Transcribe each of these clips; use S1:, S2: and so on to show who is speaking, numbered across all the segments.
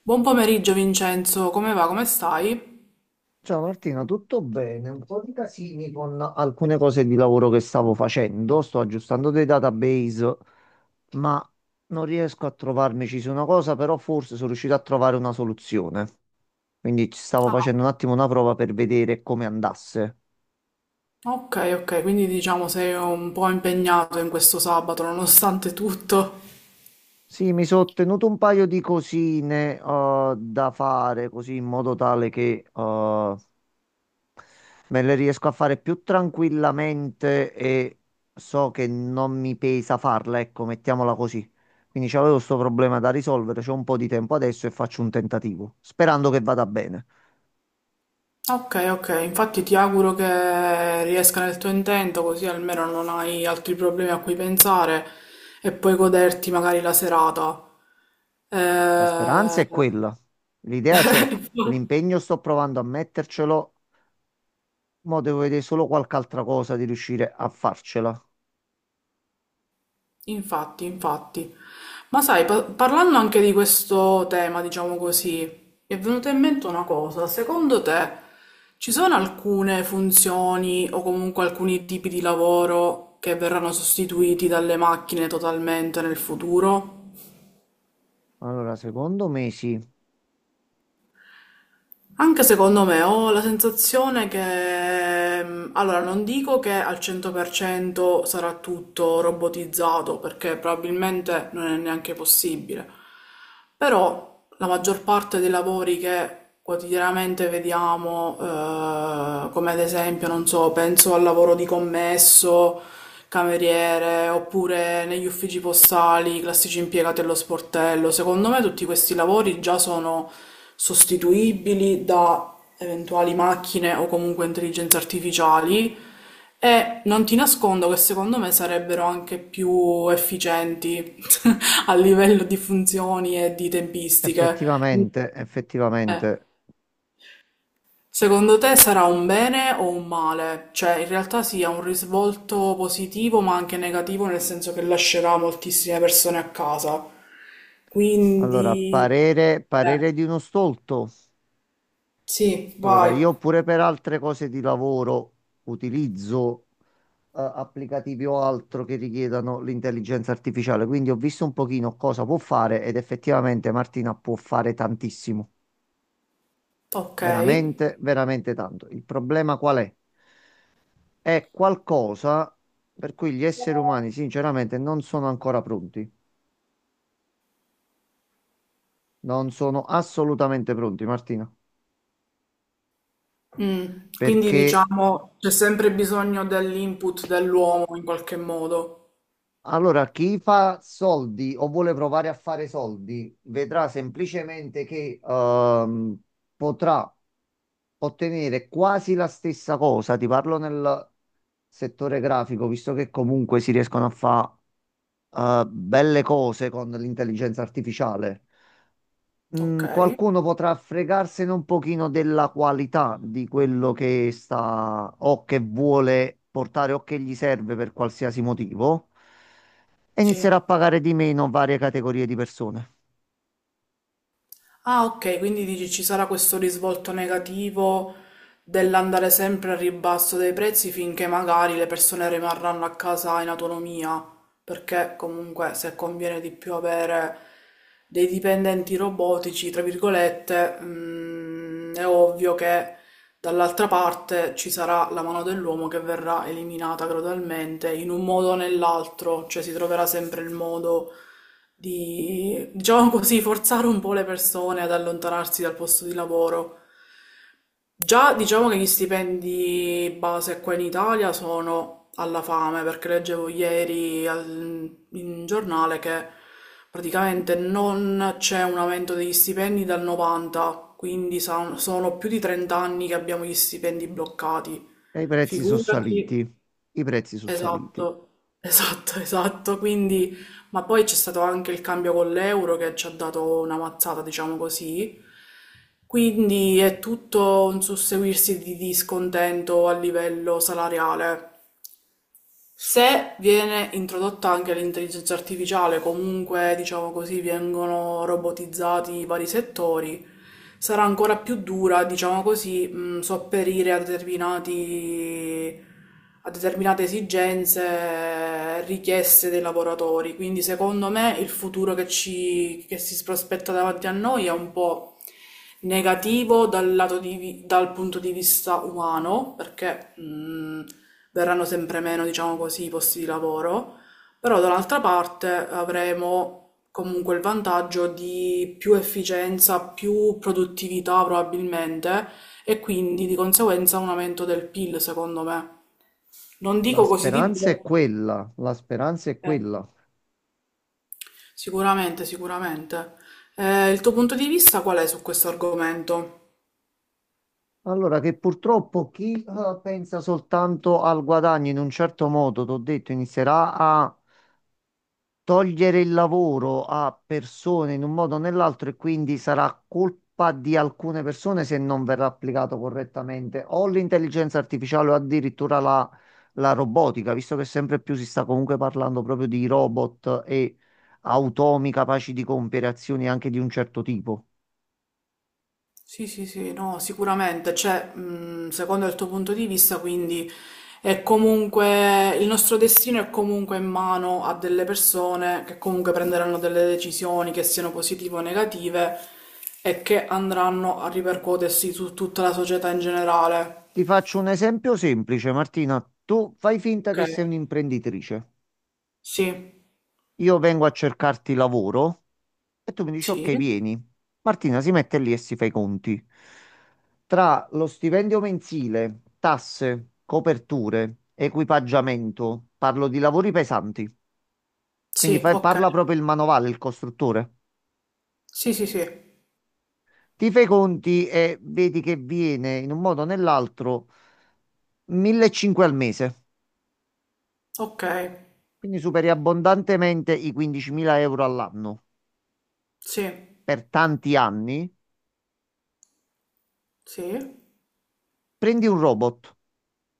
S1: Buon pomeriggio Vincenzo, come va? Come stai?
S2: Ciao Martina, tutto bene? Un po' di casini con alcune cose di lavoro che stavo facendo. Sto aggiustando dei database, ma non riesco a trovarmici su una cosa, però forse sono riuscito a trovare una soluzione. Quindi ci stavo facendo un attimo una prova per vedere come andasse.
S1: Ok, ok, quindi diciamo sei un po' impegnato in questo sabato nonostante tutto.
S2: Sì, mi sono ottenuto un paio di cosine da fare, così in modo tale che me le riesco a fare più tranquillamente e so che non mi pesa farla, ecco, mettiamola così. Quindi c'avevo questo problema da risolvere, c'ho un po' di tempo adesso e faccio un tentativo, sperando che vada bene.
S1: Ok, ok, infatti ti auguro che riesca nel tuo intento così almeno non hai altri problemi a cui pensare e puoi goderti magari la serata.
S2: La speranza
S1: Eh...
S2: è quella, l'idea c'è, l'impegno sto provando a mettercelo, ma devo vedere solo qualche altra cosa di riuscire a farcela.
S1: Infatti, infatti. Ma sai, parlando anche di questo tema, diciamo così, mi è venuta in mente una cosa. Secondo te ci sono alcune funzioni o comunque alcuni tipi di lavoro che verranno sostituiti dalle macchine totalmente nel futuro?
S2: Allora, secondo me sì,
S1: Anche secondo me ho la sensazione che, allora non dico che al 100% sarà tutto robotizzato, perché probabilmente non è neanche possibile, però la maggior parte dei lavori che quotidianamente vediamo, come ad esempio, non so, penso al lavoro di commesso, cameriere, oppure negli uffici postali, i classici impiegati allo sportello, secondo me tutti questi lavori già sono sostituibili da eventuali macchine o comunque intelligenze artificiali e non ti nascondo che secondo me sarebbero anche più efficienti a livello di funzioni e di tempistiche.
S2: effettivamente,
S1: Eh,
S2: effettivamente.
S1: secondo te sarà un bene o un male, cioè in realtà sia un risvolto positivo ma anche negativo, nel senso che lascerà moltissime persone a casa,
S2: Allora,
S1: quindi
S2: parere,
S1: eh,
S2: parere di uno stolto.
S1: sì
S2: Allora,
S1: vai.
S2: io pure per altre cose di lavoro utilizzo applicativi o altro che richiedano l'intelligenza artificiale, quindi ho visto un pochino cosa può fare ed effettivamente Martina può fare tantissimo,
S1: Okay.
S2: veramente, veramente tanto. Il problema qual è? È qualcosa per cui gli esseri umani sinceramente non sono ancora pronti, non sono assolutamente pronti, Martina,
S1: Mm. Quindi
S2: perché
S1: diciamo c'è sempre bisogno dell'input dell'uomo in qualche modo.
S2: allora, chi fa soldi o vuole provare a fare soldi vedrà semplicemente che potrà ottenere quasi la stessa cosa. Ti parlo nel settore grafico, visto che comunque si riescono a fare belle cose con l'intelligenza artificiale.
S1: Ok,
S2: Mh, qualcuno potrà fregarsene un pochino della qualità di quello che sta o che vuole portare o che gli serve per qualsiasi motivo e inizierà
S1: sì.
S2: a pagare di meno varie categorie di persone.
S1: Ah, ok, quindi dici ci sarà questo risvolto negativo dell'andare sempre al ribasso dei prezzi finché magari le persone rimarranno a casa in autonomia, perché comunque se conviene di più avere dei dipendenti robotici, tra virgolette, è ovvio che dall'altra parte ci sarà la mano dell'uomo che verrà eliminata gradualmente in un modo o nell'altro, cioè si troverà sempre il modo di, diciamo così, forzare un po' le persone ad allontanarsi dal posto di lavoro. Già diciamo che gli stipendi base qua in Italia sono alla fame, perché leggevo ieri in giornale che praticamente non c'è un aumento degli stipendi dal 90, quindi sono più di 30 anni che abbiamo gli stipendi bloccati.
S2: E i prezzi sono
S1: Figurati.
S2: saliti. I prezzi sono saliti.
S1: Esatto, esatto, esatto. Quindi, ma poi c'è stato anche il cambio con l'euro che ci ha dato una mazzata, diciamo così. Quindi è tutto un susseguirsi di discontento a livello salariale. Se viene introdotta anche l'intelligenza artificiale, comunque diciamo così vengono robotizzati i vari settori, sarà ancora più dura, diciamo così, sopperire a determinati, a determinate esigenze, richieste dei lavoratori. Quindi secondo me il futuro che ci, che si prospetta davanti a noi è un po' negativo dal lato di dal punto di vista umano, perché verranno sempre meno, diciamo così, i posti di lavoro, però dall'altra parte avremo comunque il vantaggio di più efficienza, più produttività probabilmente e quindi di conseguenza un aumento del PIL, secondo me. Non
S2: La
S1: dico così di
S2: speranza è
S1: botto.
S2: quella, la speranza è
S1: eh.
S2: quella.
S1: Sicuramente, sicuramente. Il tuo punto di vista qual è su questo argomento?
S2: Allora, che purtroppo chi pensa soltanto al guadagno in un certo modo, t'ho detto, inizierà a togliere il lavoro a persone in un modo o nell'altro e quindi sarà colpa di alcune persone se non verrà applicato correttamente o l'intelligenza artificiale o addirittura la robotica, visto che sempre più si sta comunque parlando proprio di robot e automi capaci di compiere azioni anche di un certo tipo.
S1: Sì, sì, sì, no, sicuramente, cioè, secondo il tuo punto di vista, quindi è comunque il nostro destino, è comunque in mano a delle persone che comunque prenderanno delle decisioni che siano positive o negative e che andranno a ripercuotersi su tutta la società in generale.
S2: Ti faccio un esempio semplice, Martina. Tu fai finta
S1: Ok,
S2: che sei un'imprenditrice.
S1: sì,
S2: Io vengo a cercarti lavoro. E tu mi dici,
S1: sì,
S2: ok, vieni. Martina si mette lì e si fa i conti. Tra lo stipendio mensile, tasse, coperture, equipaggiamento, parlo di lavori pesanti, quindi
S1: sì, ok,
S2: parla proprio il manovale, il costruttore.
S1: sì, sì, sì,
S2: Ti fai i conti e vedi che viene in un modo o nell'altro 1.500 al mese,
S1: ok,
S2: quindi superi abbondantemente i 15.000 euro all'anno
S1: sì,
S2: per tanti anni.
S1: sì,
S2: Prendi un robot,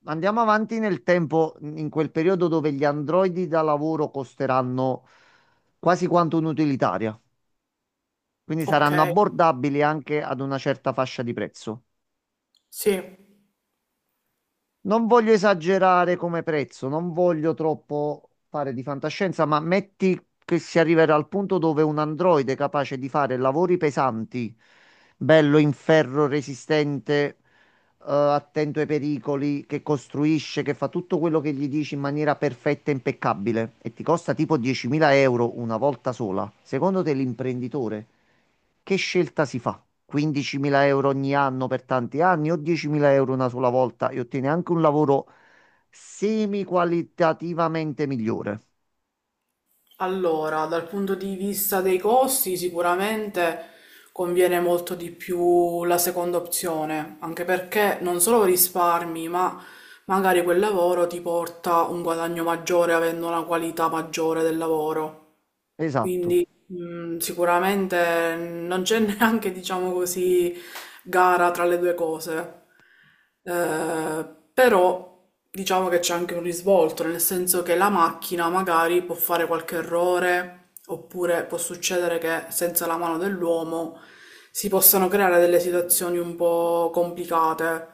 S2: andiamo avanti nel tempo, in quel periodo dove gli androidi da lavoro costeranno quasi quanto un'utilitaria, quindi
S1: ok,
S2: saranno abbordabili anche ad una certa fascia di prezzo.
S1: sì.
S2: Non voglio esagerare come prezzo, non voglio troppo fare di fantascienza, ma metti che si arriverà al punto dove un androide capace di fare lavori pesanti, bello in ferro resistente, attento ai pericoli, che costruisce, che fa tutto quello che gli dici in maniera perfetta e impeccabile e ti costa tipo 10.000 euro una volta sola, secondo te l'imprenditore che scelta si fa? 15.000 euro ogni anno per tanti anni o 10.000 euro una sola volta e ottiene anche un lavoro semi qualitativamente migliore?
S1: Allora, dal punto di vista dei costi, sicuramente conviene molto di più la seconda opzione, anche perché non solo risparmi, ma magari quel lavoro ti porta un guadagno maggiore avendo una qualità maggiore del lavoro.
S2: Esatto.
S1: Quindi sicuramente non c'è neanche, diciamo così, gara tra le due cose. Eh, però diciamo che c'è anche un risvolto, nel senso che la macchina magari può fare qualche errore, oppure può succedere che senza la mano dell'uomo si possano creare delle situazioni un po' complicate.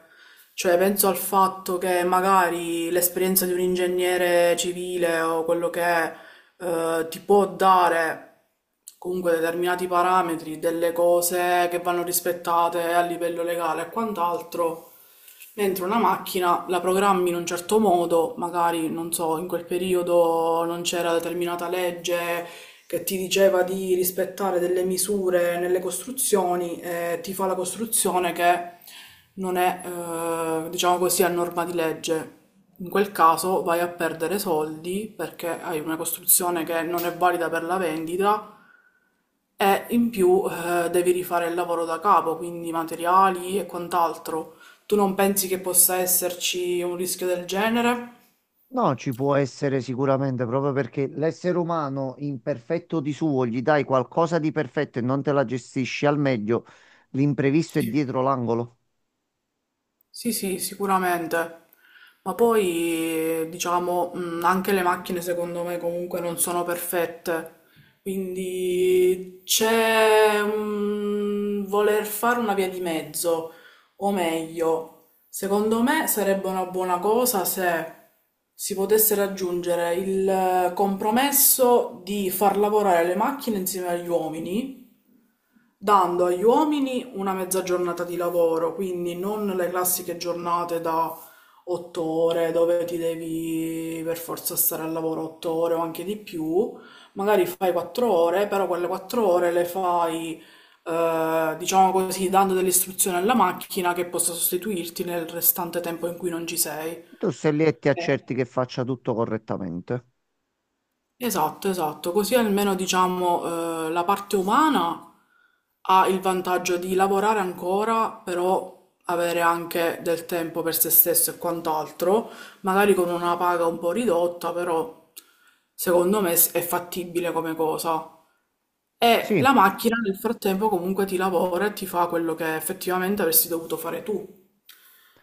S1: Cioè, penso al fatto che magari l'esperienza di un ingegnere civile o quello che è ti può dare comunque determinati parametri, delle cose che vanno rispettate a livello legale e quant'altro, dentro una macchina, la programmi in un certo modo, magari non so, in quel periodo non c'era determinata legge che ti diceva di rispettare delle misure nelle costruzioni e ti fa la costruzione che non è, diciamo così, a norma di legge. In quel caso vai a perdere soldi perché hai una costruzione che non è valida per la vendita e in più devi rifare il lavoro da capo, quindi materiali e quant'altro. Tu non pensi che possa esserci un rischio del genere?
S2: No, ci può essere sicuramente, proprio perché l'essere umano imperfetto di suo gli dai qualcosa di perfetto e non te la gestisci al meglio, l'imprevisto è
S1: Sì.
S2: dietro l'angolo.
S1: Sì, sì, sicuramente. Ma poi, diciamo, anche le macchine secondo me comunque non sono perfette. Quindi c'è un voler fare una via di mezzo, o meglio, secondo me sarebbe una buona cosa se si potesse raggiungere il compromesso di far lavorare le macchine insieme agli uomini dando agli uomini una mezza giornata di lavoro, quindi non le classiche giornate da 8 ore dove ti devi per forza stare al lavoro 8 ore o anche di più, magari fai 4 ore, però quelle 4 ore le fai, diciamo così, dando delle istruzioni alla macchina che possa sostituirti nel restante tempo in cui non ci sei.
S2: Tu sei lì e ti accerti che faccia tutto correttamente.
S1: Esatto, esatto, così almeno diciamo la parte umana ha il vantaggio di lavorare ancora, però avere anche del tempo per se stesso e quant'altro, magari con una paga un po' ridotta, però secondo me è fattibile come cosa. E
S2: Sì,
S1: la macchina nel frattempo comunque ti lavora e ti fa quello che effettivamente avresti dovuto fare tu.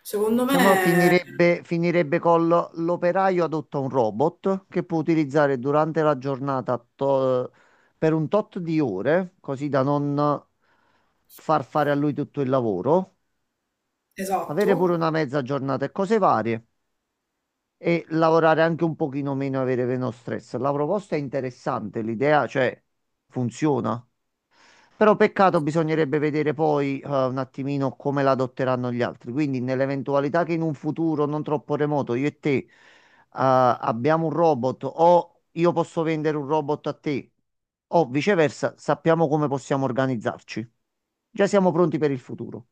S1: Secondo
S2: diciamo
S1: me,
S2: finirebbe, l'operaio adotta un robot che può utilizzare durante la giornata per un tot di ore, così da non far fare a lui tutto il lavoro, avere
S1: esatto.
S2: pure una mezza giornata e cose varie, e lavorare anche un pochino meno, avere meno stress. La proposta è interessante, l'idea, cioè, funziona. Però peccato, bisognerebbe vedere poi un attimino come la adotteranno gli altri. Quindi, nell'eventualità che in un futuro non troppo remoto io e te abbiamo un robot o io posso vendere un robot a te o viceversa, sappiamo come possiamo organizzarci. Già siamo pronti per il futuro.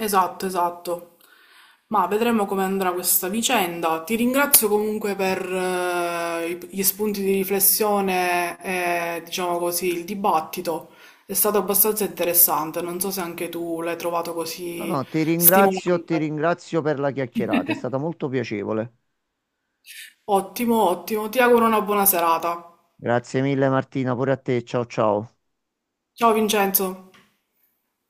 S1: Esatto, esatto. Ma vedremo come andrà questa vicenda. Ti ringrazio comunque per gli spunti di riflessione e, diciamo così, il dibattito. È stato abbastanza interessante. Non so se anche tu l'hai trovato
S2: No,
S1: così
S2: no, ti
S1: stimolante.
S2: ringrazio per la chiacchierata, è stata molto piacevole.
S1: Ottimo, ottimo. Ti auguro una buona serata.
S2: Grazie mille Martina, pure a te. Ciao ciao.
S1: Ciao Vincenzo.